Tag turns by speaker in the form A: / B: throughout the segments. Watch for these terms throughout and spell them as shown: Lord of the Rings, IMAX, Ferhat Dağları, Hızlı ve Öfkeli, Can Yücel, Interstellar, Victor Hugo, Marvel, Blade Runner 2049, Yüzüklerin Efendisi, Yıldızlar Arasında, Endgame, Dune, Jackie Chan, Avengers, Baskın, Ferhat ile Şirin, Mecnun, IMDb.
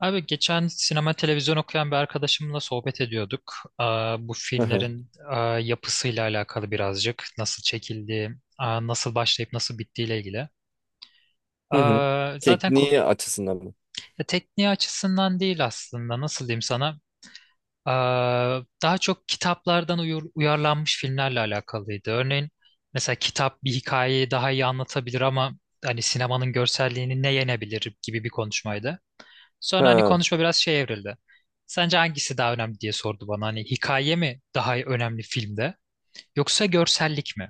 A: Abi geçen sinema televizyon okuyan bir arkadaşımla sohbet ediyorduk. Bu
B: Aha.
A: filmlerin yapısıyla alakalı birazcık. Nasıl çekildiği, nasıl başlayıp nasıl bittiğiyle ilgili.
B: Hı hı.
A: Aa, zaten ko-
B: Tekniği açısından mı?
A: ya tekniği açısından değil aslında. Nasıl diyeyim sana? Daha çok kitaplardan uyarlanmış filmlerle alakalıydı. Örneğin mesela kitap bir hikayeyi daha iyi anlatabilir ama hani sinemanın görselliğini ne yenebilir gibi bir konuşmaydı. Sonra hani
B: Ha.
A: konuşma biraz şey evrildi. Sence hangisi daha önemli diye sordu bana. Hani hikaye mi daha önemli filmde yoksa görsellik mi?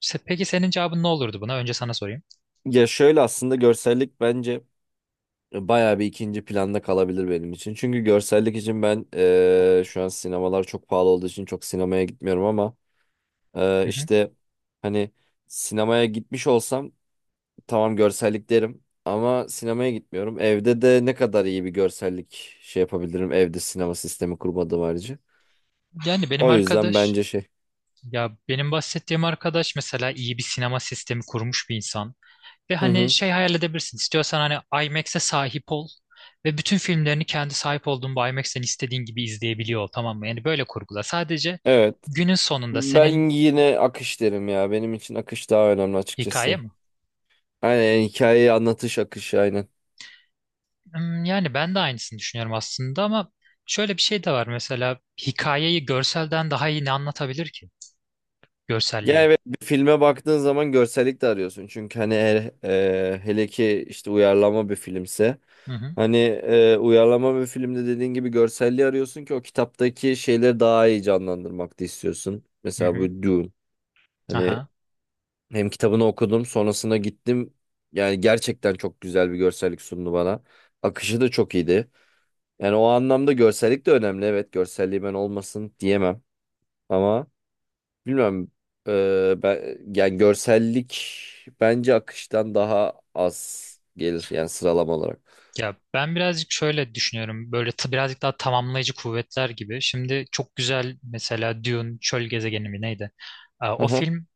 A: Peki senin cevabın ne olurdu buna? Önce sana sorayım.
B: Ya şöyle aslında görsellik bence bayağı bir ikinci planda kalabilir benim için. Çünkü görsellik için ben şu an sinemalar çok pahalı olduğu için çok sinemaya gitmiyorum ama
A: Hı hı.
B: işte hani sinemaya gitmiş olsam tamam görsellik derim ama sinemaya gitmiyorum. Evde de ne kadar iyi bir görsellik şey yapabilirim evde sinema sistemi kurmadığım harici.
A: Yani benim
B: O yüzden
A: arkadaş
B: bence şey.
A: ya benim bahsettiğim arkadaş mesela iyi bir sinema sistemi kurmuş bir insan. Ve
B: Hı
A: hani
B: hı.
A: şey hayal edebilirsin. İstiyorsan hani IMAX'e sahip ol ve bütün filmlerini kendi sahip olduğun bu IMAX'ten istediğin gibi izleyebiliyor ol, tamam mı? Yani böyle kurgula. Sadece
B: Evet.
A: günün sonunda
B: Ben
A: senin
B: yine akış derim ya. Benim için akış daha önemli
A: hikaye
B: açıkçası.
A: mi?
B: Aynen, yani hikayeyi anlatış akışı aynen.
A: Hmm, yani ben de aynısını düşünüyorum aslında ama şöyle bir şey de var mesela hikayeyi görselden daha iyi ne anlatabilir ki?
B: Ya
A: Görselliği.
B: evet, bir filme baktığın zaman görsellik de arıyorsun. Çünkü hani eğer, hele ki işte uyarlama bir filmse.
A: Hı hı.
B: Hani uyarlama bir filmde dediğin gibi görselliği arıyorsun ki o kitaptaki şeyleri daha iyi canlandırmak da istiyorsun.
A: Hı
B: Mesela
A: hı.
B: bu Dune. Hani
A: Aha.
B: hem kitabını okudum, sonrasında gittim. Yani gerçekten çok güzel bir görsellik sundu bana. Akışı da çok iyiydi. Yani o anlamda görsellik de önemli. Evet, görselliği ben olmasın diyemem. Ama bilmiyorum. Ben, yani görsellik bence akıştan daha az gelir. Yani sıralama olarak.
A: Ya ben birazcık şöyle düşünüyorum. Böyle birazcık daha tamamlayıcı kuvvetler gibi. Şimdi çok güzel mesela Dune Çöl Gezegeni mi neydi? O
B: Aha.
A: film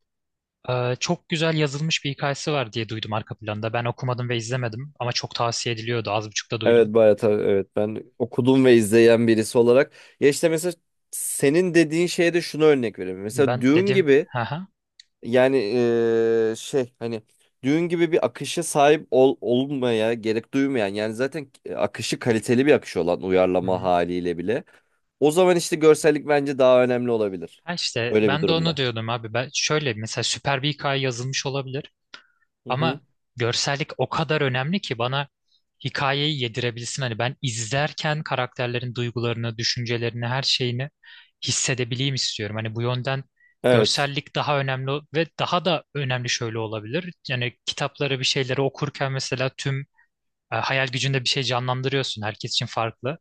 A: çok güzel yazılmış bir hikayesi var diye duydum arka planda. Ben okumadım ve izlemedim ama çok tavsiye ediliyordu. Az buçuk da
B: Evet
A: duydum.
B: bayağı tabii. Evet, ben okudum ve izleyen birisi olarak. Ya işte mesela senin dediğin şeye de şunu örnek vereyim. Mesela
A: Ben
B: Dune
A: dedim.
B: gibi
A: Aha.
B: yani şey hani düğün gibi bir akışa sahip ol, olmaya gerek duymayan, yani zaten akışı kaliteli bir akış olan uyarlama haliyle bile, o zaman işte görsellik bence daha önemli olabilir.
A: Ha işte
B: Öyle bir
A: ben de onu
B: durumda.
A: diyordum abi. Ben şöyle mesela süper bir hikaye yazılmış olabilir
B: Hı
A: ama
B: hı.
A: görsellik o kadar önemli ki bana hikayeyi yedirebilsin. Hani ben izlerken karakterlerin duygularını, düşüncelerini, her şeyini hissedebileyim istiyorum. Hani bu yönden
B: Evet.
A: görsellik daha önemli ve daha da önemli şöyle olabilir. Yani kitapları bir şeyleri okurken mesela tüm hayal gücünde bir şey canlandırıyorsun. Herkes için farklı.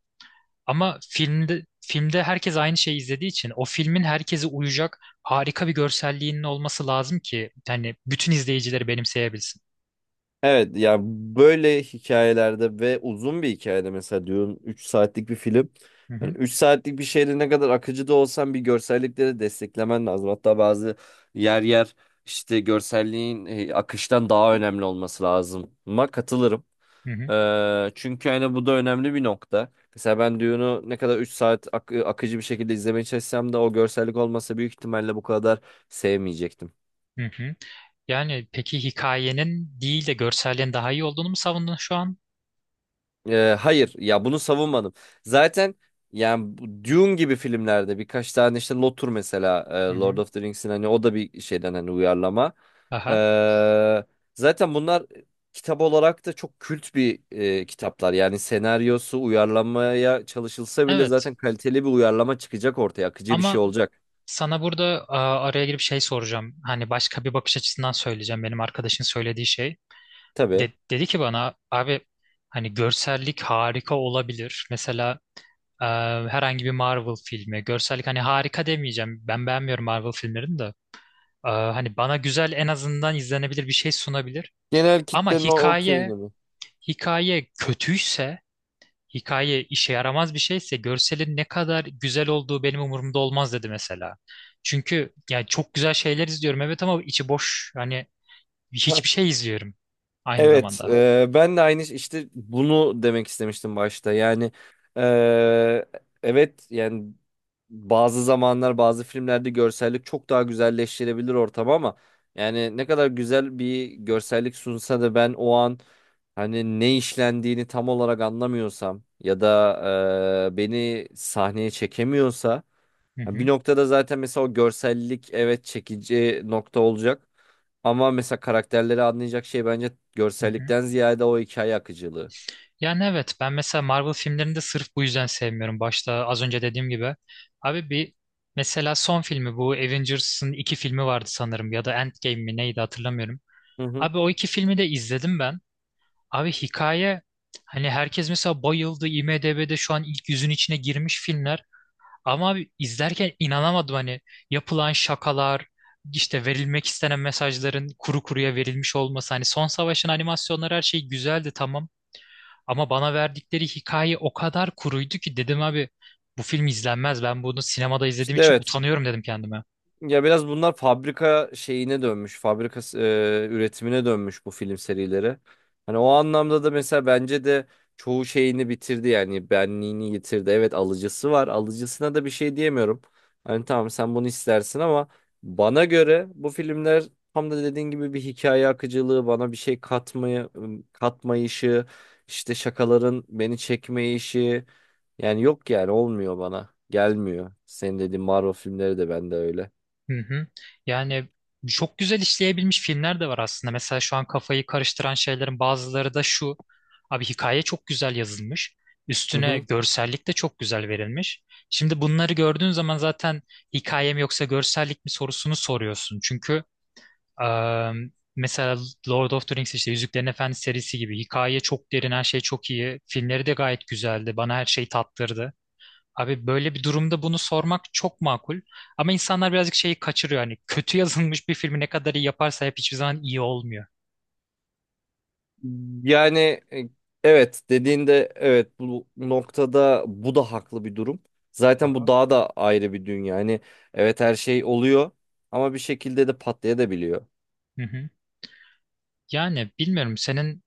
A: Ama filmde herkes aynı şeyi izlediği için o filmin herkese uyacak harika bir görselliğinin olması lazım ki yani bütün izleyicileri benimseyebilsin.
B: Evet ya, böyle hikayelerde ve uzun bir hikayede mesela diyorum, 3 saatlik bir film.
A: Hı
B: Yani
A: hı,
B: 3 saatlik bir şeyde ne kadar akıcı da olsan bir görsellikleri desteklemen lazım. Hatta bazı yer yer işte görselliğin akıştan daha önemli olması lazım. Ama katılırım.
A: hı hı,
B: Çünkü hani bu da önemli bir nokta. Mesela ben Dune'u ne kadar 3 saat akıcı bir şekilde izlemeye çalışsam da o görsellik olmasa büyük ihtimalle bu kadar sevmeyecektim.
A: hı hı. Yani peki hikayenin değil de görselliğin daha iyi olduğunu mu savundun şu an?
B: Hayır ya, bunu savunmadım. Zaten yani bu Dune gibi filmlerde birkaç tane işte Lotur mesela,
A: Hı
B: Lord
A: hı.
B: of the Rings'in hani, o da bir şeyden hani uyarlama.
A: Aha.
B: Ee, Zaten bunlar kitap olarak da çok kült bir kitaplar. Yani senaryosu uyarlamaya çalışılsa bile
A: Evet.
B: zaten kaliteli bir uyarlama çıkacak ortaya. Akıcı bir şey
A: Ama
B: olacak.
A: sana burada araya girip şey soracağım. Hani başka bir bakış açısından söyleyeceğim. Benim arkadaşın söylediği şey.
B: Tabii.
A: Dedi ki bana abi hani görsellik harika olabilir. Mesela Ee, herhangi bir Marvel filmi. Görsellik hani harika demeyeceğim. Ben beğenmiyorum Marvel filmlerini de. Hani bana güzel en azından izlenebilir bir şey sunabilir.
B: Genel
A: Ama
B: kitlenin o
A: hikaye,
B: okeyini mi?
A: hikaye kötüyse, hikaye işe yaramaz bir şeyse görselin ne kadar güzel olduğu benim umurumda olmaz dedi mesela. Çünkü yani çok güzel şeyler izliyorum, evet, ama içi boş. Hani hiçbir şey izliyorum aynı
B: Evet,
A: zamanda.
B: ben de aynı işte bunu demek istemiştim başta. Yani e, evet yani bazı zamanlar bazı filmlerde görsellik çok daha güzelleştirebilir ortamı ama yani ne kadar güzel bir görsellik sunsa da ben o an hani ne işlendiğini tam olarak anlamıyorsam ya da beni sahneye çekemiyorsa
A: Hı
B: ya. Bir
A: hı.
B: noktada zaten mesela o görsellik, evet, çekici nokta olacak. Ama mesela karakterleri anlayacak şey bence
A: Hı hı.
B: görsellikten ziyade o hikaye akıcılığı.
A: Yani evet ben mesela Marvel filmlerini de sırf bu yüzden sevmiyorum. Başta az önce dediğim gibi. Abi bir mesela son filmi bu Avengers'ın iki filmi vardı sanırım ya da Endgame mi neydi hatırlamıyorum.
B: Hı hı.
A: Abi o iki filmi de izledim ben. Abi hikaye hani herkes mesela bayıldı, IMDb'de şu an ilk yüzün içine girmiş filmler. Ama abi izlerken inanamadım hani yapılan şakalar, işte verilmek istenen mesajların kuru kuruya verilmiş olması. Hani Son Savaş'ın animasyonları, her şey güzeldi, tamam. Ama bana verdikleri hikaye o kadar kuruydu ki dedim abi bu film izlenmez. Ben bunu sinemada izlediğim
B: İşte
A: için
B: evet.
A: utanıyorum dedim kendime.
B: Ya biraz bunlar fabrika şeyine dönmüş, fabrika üretimine dönmüş bu film serileri. Hani o anlamda da mesela bence de çoğu şeyini bitirdi, yani benliğini yitirdi. Evet, alıcısı var, alıcısına da bir şey diyemiyorum. Hani tamam, sen bunu istersin ama bana göre bu filmler tam da dediğin gibi bir hikaye akıcılığı, bana bir şey katmayı, katmayışı, işte şakaların beni çekmeyişi, yani yok, yani olmuyor bana. Gelmiyor. Senin dediğin Marvel filmleri de bende öyle.
A: Hı hı. Yani çok güzel işleyebilmiş filmler de var aslında. Mesela şu an kafayı karıştıran şeylerin bazıları da şu. Abi hikaye çok güzel yazılmış.
B: Hı
A: Üstüne
B: hı.
A: görsellik de çok güzel verilmiş. Şimdi bunları gördüğün zaman zaten hikayem yoksa görsellik mi sorusunu soruyorsun. Çünkü Eee, mesela Lord of the Rings, işte Yüzüklerin Efendisi serisi gibi. Hikaye çok derin, her şey çok iyi. Filmleri de gayet güzeldi. Bana her şeyi tattırdı. Abi böyle bir durumda bunu sormak çok makul. Ama insanlar birazcık şeyi kaçırıyor. Hani kötü yazılmış bir filmi ne kadar iyi yaparsa hep hiçbir zaman iyi olmuyor.
B: Yani e, evet, dediğinde evet, bu noktada bu da haklı bir durum. Zaten bu
A: Aha.
B: daha da ayrı bir dünya. Yani evet, her şey oluyor ama bir şekilde de patlayabiliyor.
A: Hı hı. Yani bilmiyorum, senin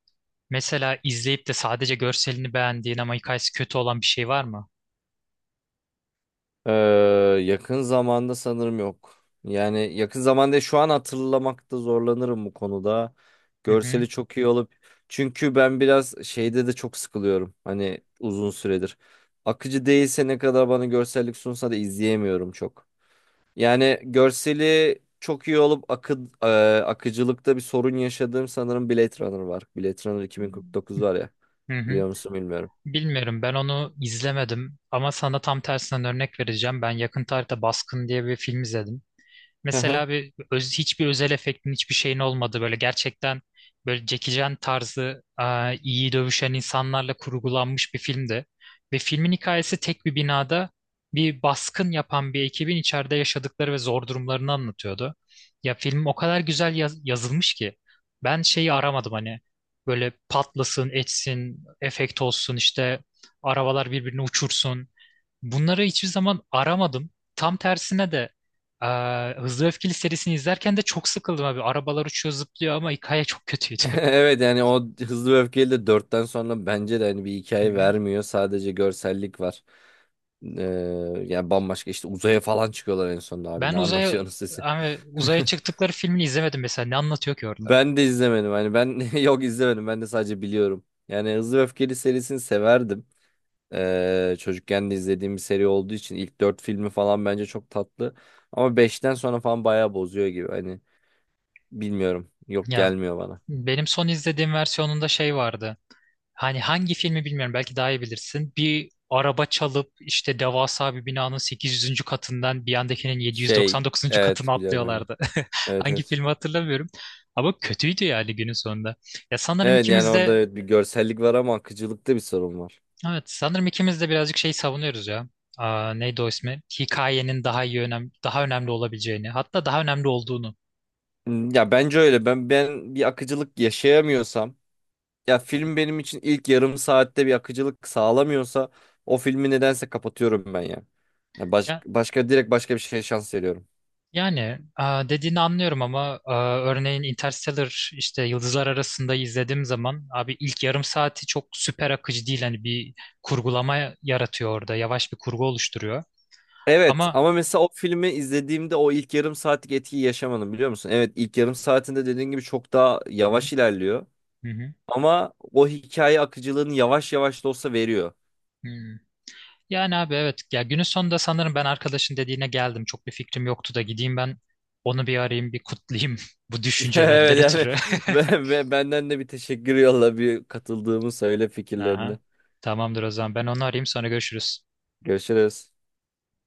A: mesela izleyip de sadece görselini beğendiğin ama hikayesi kötü olan bir şey var mı?
B: Ee, Yakın zamanda sanırım yok. Yani yakın zamanda şu an hatırlamakta zorlanırım bu konuda.
A: Hı hı.
B: Görseli çok iyi olup, çünkü ben biraz şeyde de çok sıkılıyorum. Hani uzun süredir. Akıcı değilse ne kadar bana görsellik sunsa da izleyemiyorum çok. Yani görseli çok iyi olup akıcılıkta bir sorun yaşadığım sanırım Blade Runner var. Blade Runner 2049 var ya.
A: Hı hı.
B: Biliyor musun bilmiyorum.
A: Bilmiyorum, ben onu izlemedim ama sana tam tersinden örnek vereceğim. Ben yakın tarihte Baskın diye bir film izledim.
B: Hı hı.
A: Mesela hiçbir özel efektin, hiçbir şeyin olmadı, böyle gerçekten böyle Jackie Chan tarzı iyi dövüşen insanlarla kurgulanmış bir filmdi. Ve filmin hikayesi tek bir binada bir baskın yapan bir ekibin içeride yaşadıkları ve zor durumlarını anlatıyordu. Ya film o kadar güzel yazılmış ki ben şeyi aramadım hani böyle patlasın, etsin, efekt olsun, işte arabalar birbirini uçursun. Bunları hiçbir zaman aramadım. Tam tersine de Hızlı ve Öfkeli serisini izlerken de çok sıkıldım abi. Arabalar uçuyor zıplıyor ama hikaye çok kötüydü.
B: Evet yani o Hızlı ve Öfkeli de dörtten sonra bence de hani bir
A: Hı
B: hikaye
A: hı.
B: vermiyor. Sadece görsellik var. Ee, Yani bambaşka işte uzaya falan çıkıyorlar en sonunda abi.
A: Ben
B: Ne
A: uzaya
B: anlatıyorsunuz siz?
A: abi, uzaya çıktıkları filmini izlemedim mesela. Ne anlatıyor ki orada?
B: Ben de izlemedim. Hani ben yok izlemedim. Ben de sadece biliyorum. Yani Hızlı ve Öfkeli serisini severdim. Çocukken de izlediğim bir seri olduğu için ilk 4 filmi falan bence çok tatlı. Ama beşten sonra falan bayağı bozuyor gibi. Hani bilmiyorum. Yok,
A: Ya
B: gelmiyor bana.
A: benim son izlediğim versiyonunda şey vardı. Hani hangi filmi bilmiyorum, belki daha iyi bilirsin. Bir araba çalıp işte devasa bir binanın 800. katından bir yandakinin
B: Şey,
A: 799. katına
B: evet biliyorum aynen.
A: atlıyorlardı.
B: Evet
A: Hangi
B: evet.
A: filmi hatırlamıyorum. Ama kötüydü yani günün sonunda. Ya sanırım
B: Evet yani
A: ikimiz
B: orada
A: de
B: evet bir görsellik var ama akıcılıkta bir sorun var.
A: evet sanırım ikimiz de birazcık şey savunuyoruz ya. Neydi o ismi? Hikayenin daha önemli olabileceğini, hatta daha önemli olduğunu.
B: Hmm. Ya bence öyle. Ben bir akıcılık yaşayamıyorsam, ya film benim için ilk yarım saatte bir akıcılık sağlamıyorsa, o filmi nedense kapatıyorum ben ya. Yani başka, direkt başka bir şeye şans veriyorum.
A: Yani dediğini anlıyorum ama örneğin Interstellar, işte Yıldızlar Arasında izlediğim zaman abi ilk yarım saati çok süper akıcı değil, hani bir kurgulama yaratıyor, orada yavaş bir kurgu oluşturuyor
B: Evet
A: ama
B: ama mesela o filmi izlediğimde o ilk yarım saatlik etkiyi yaşamadım, biliyor musun? Evet, ilk yarım saatinde dediğin gibi çok daha
A: Hı hı.
B: yavaş ilerliyor.
A: Hı.
B: Ama o hikaye akıcılığını yavaş yavaş da olsa veriyor.
A: Hı. Yani abi evet ya günün sonunda sanırım ben arkadaşın dediğine geldim, çok bir fikrim yoktu da gideyim ben onu bir arayayım, bir kutlayayım bu
B: Evet
A: düşüncelerden
B: yani
A: ötürü.
B: benden de bir teşekkür yolla, bir katıldığımı söyle
A: Aha.
B: fikirlerini.
A: Tamamdır o zaman, ben onu arayayım, sonra görüşürüz.
B: Görüşürüz.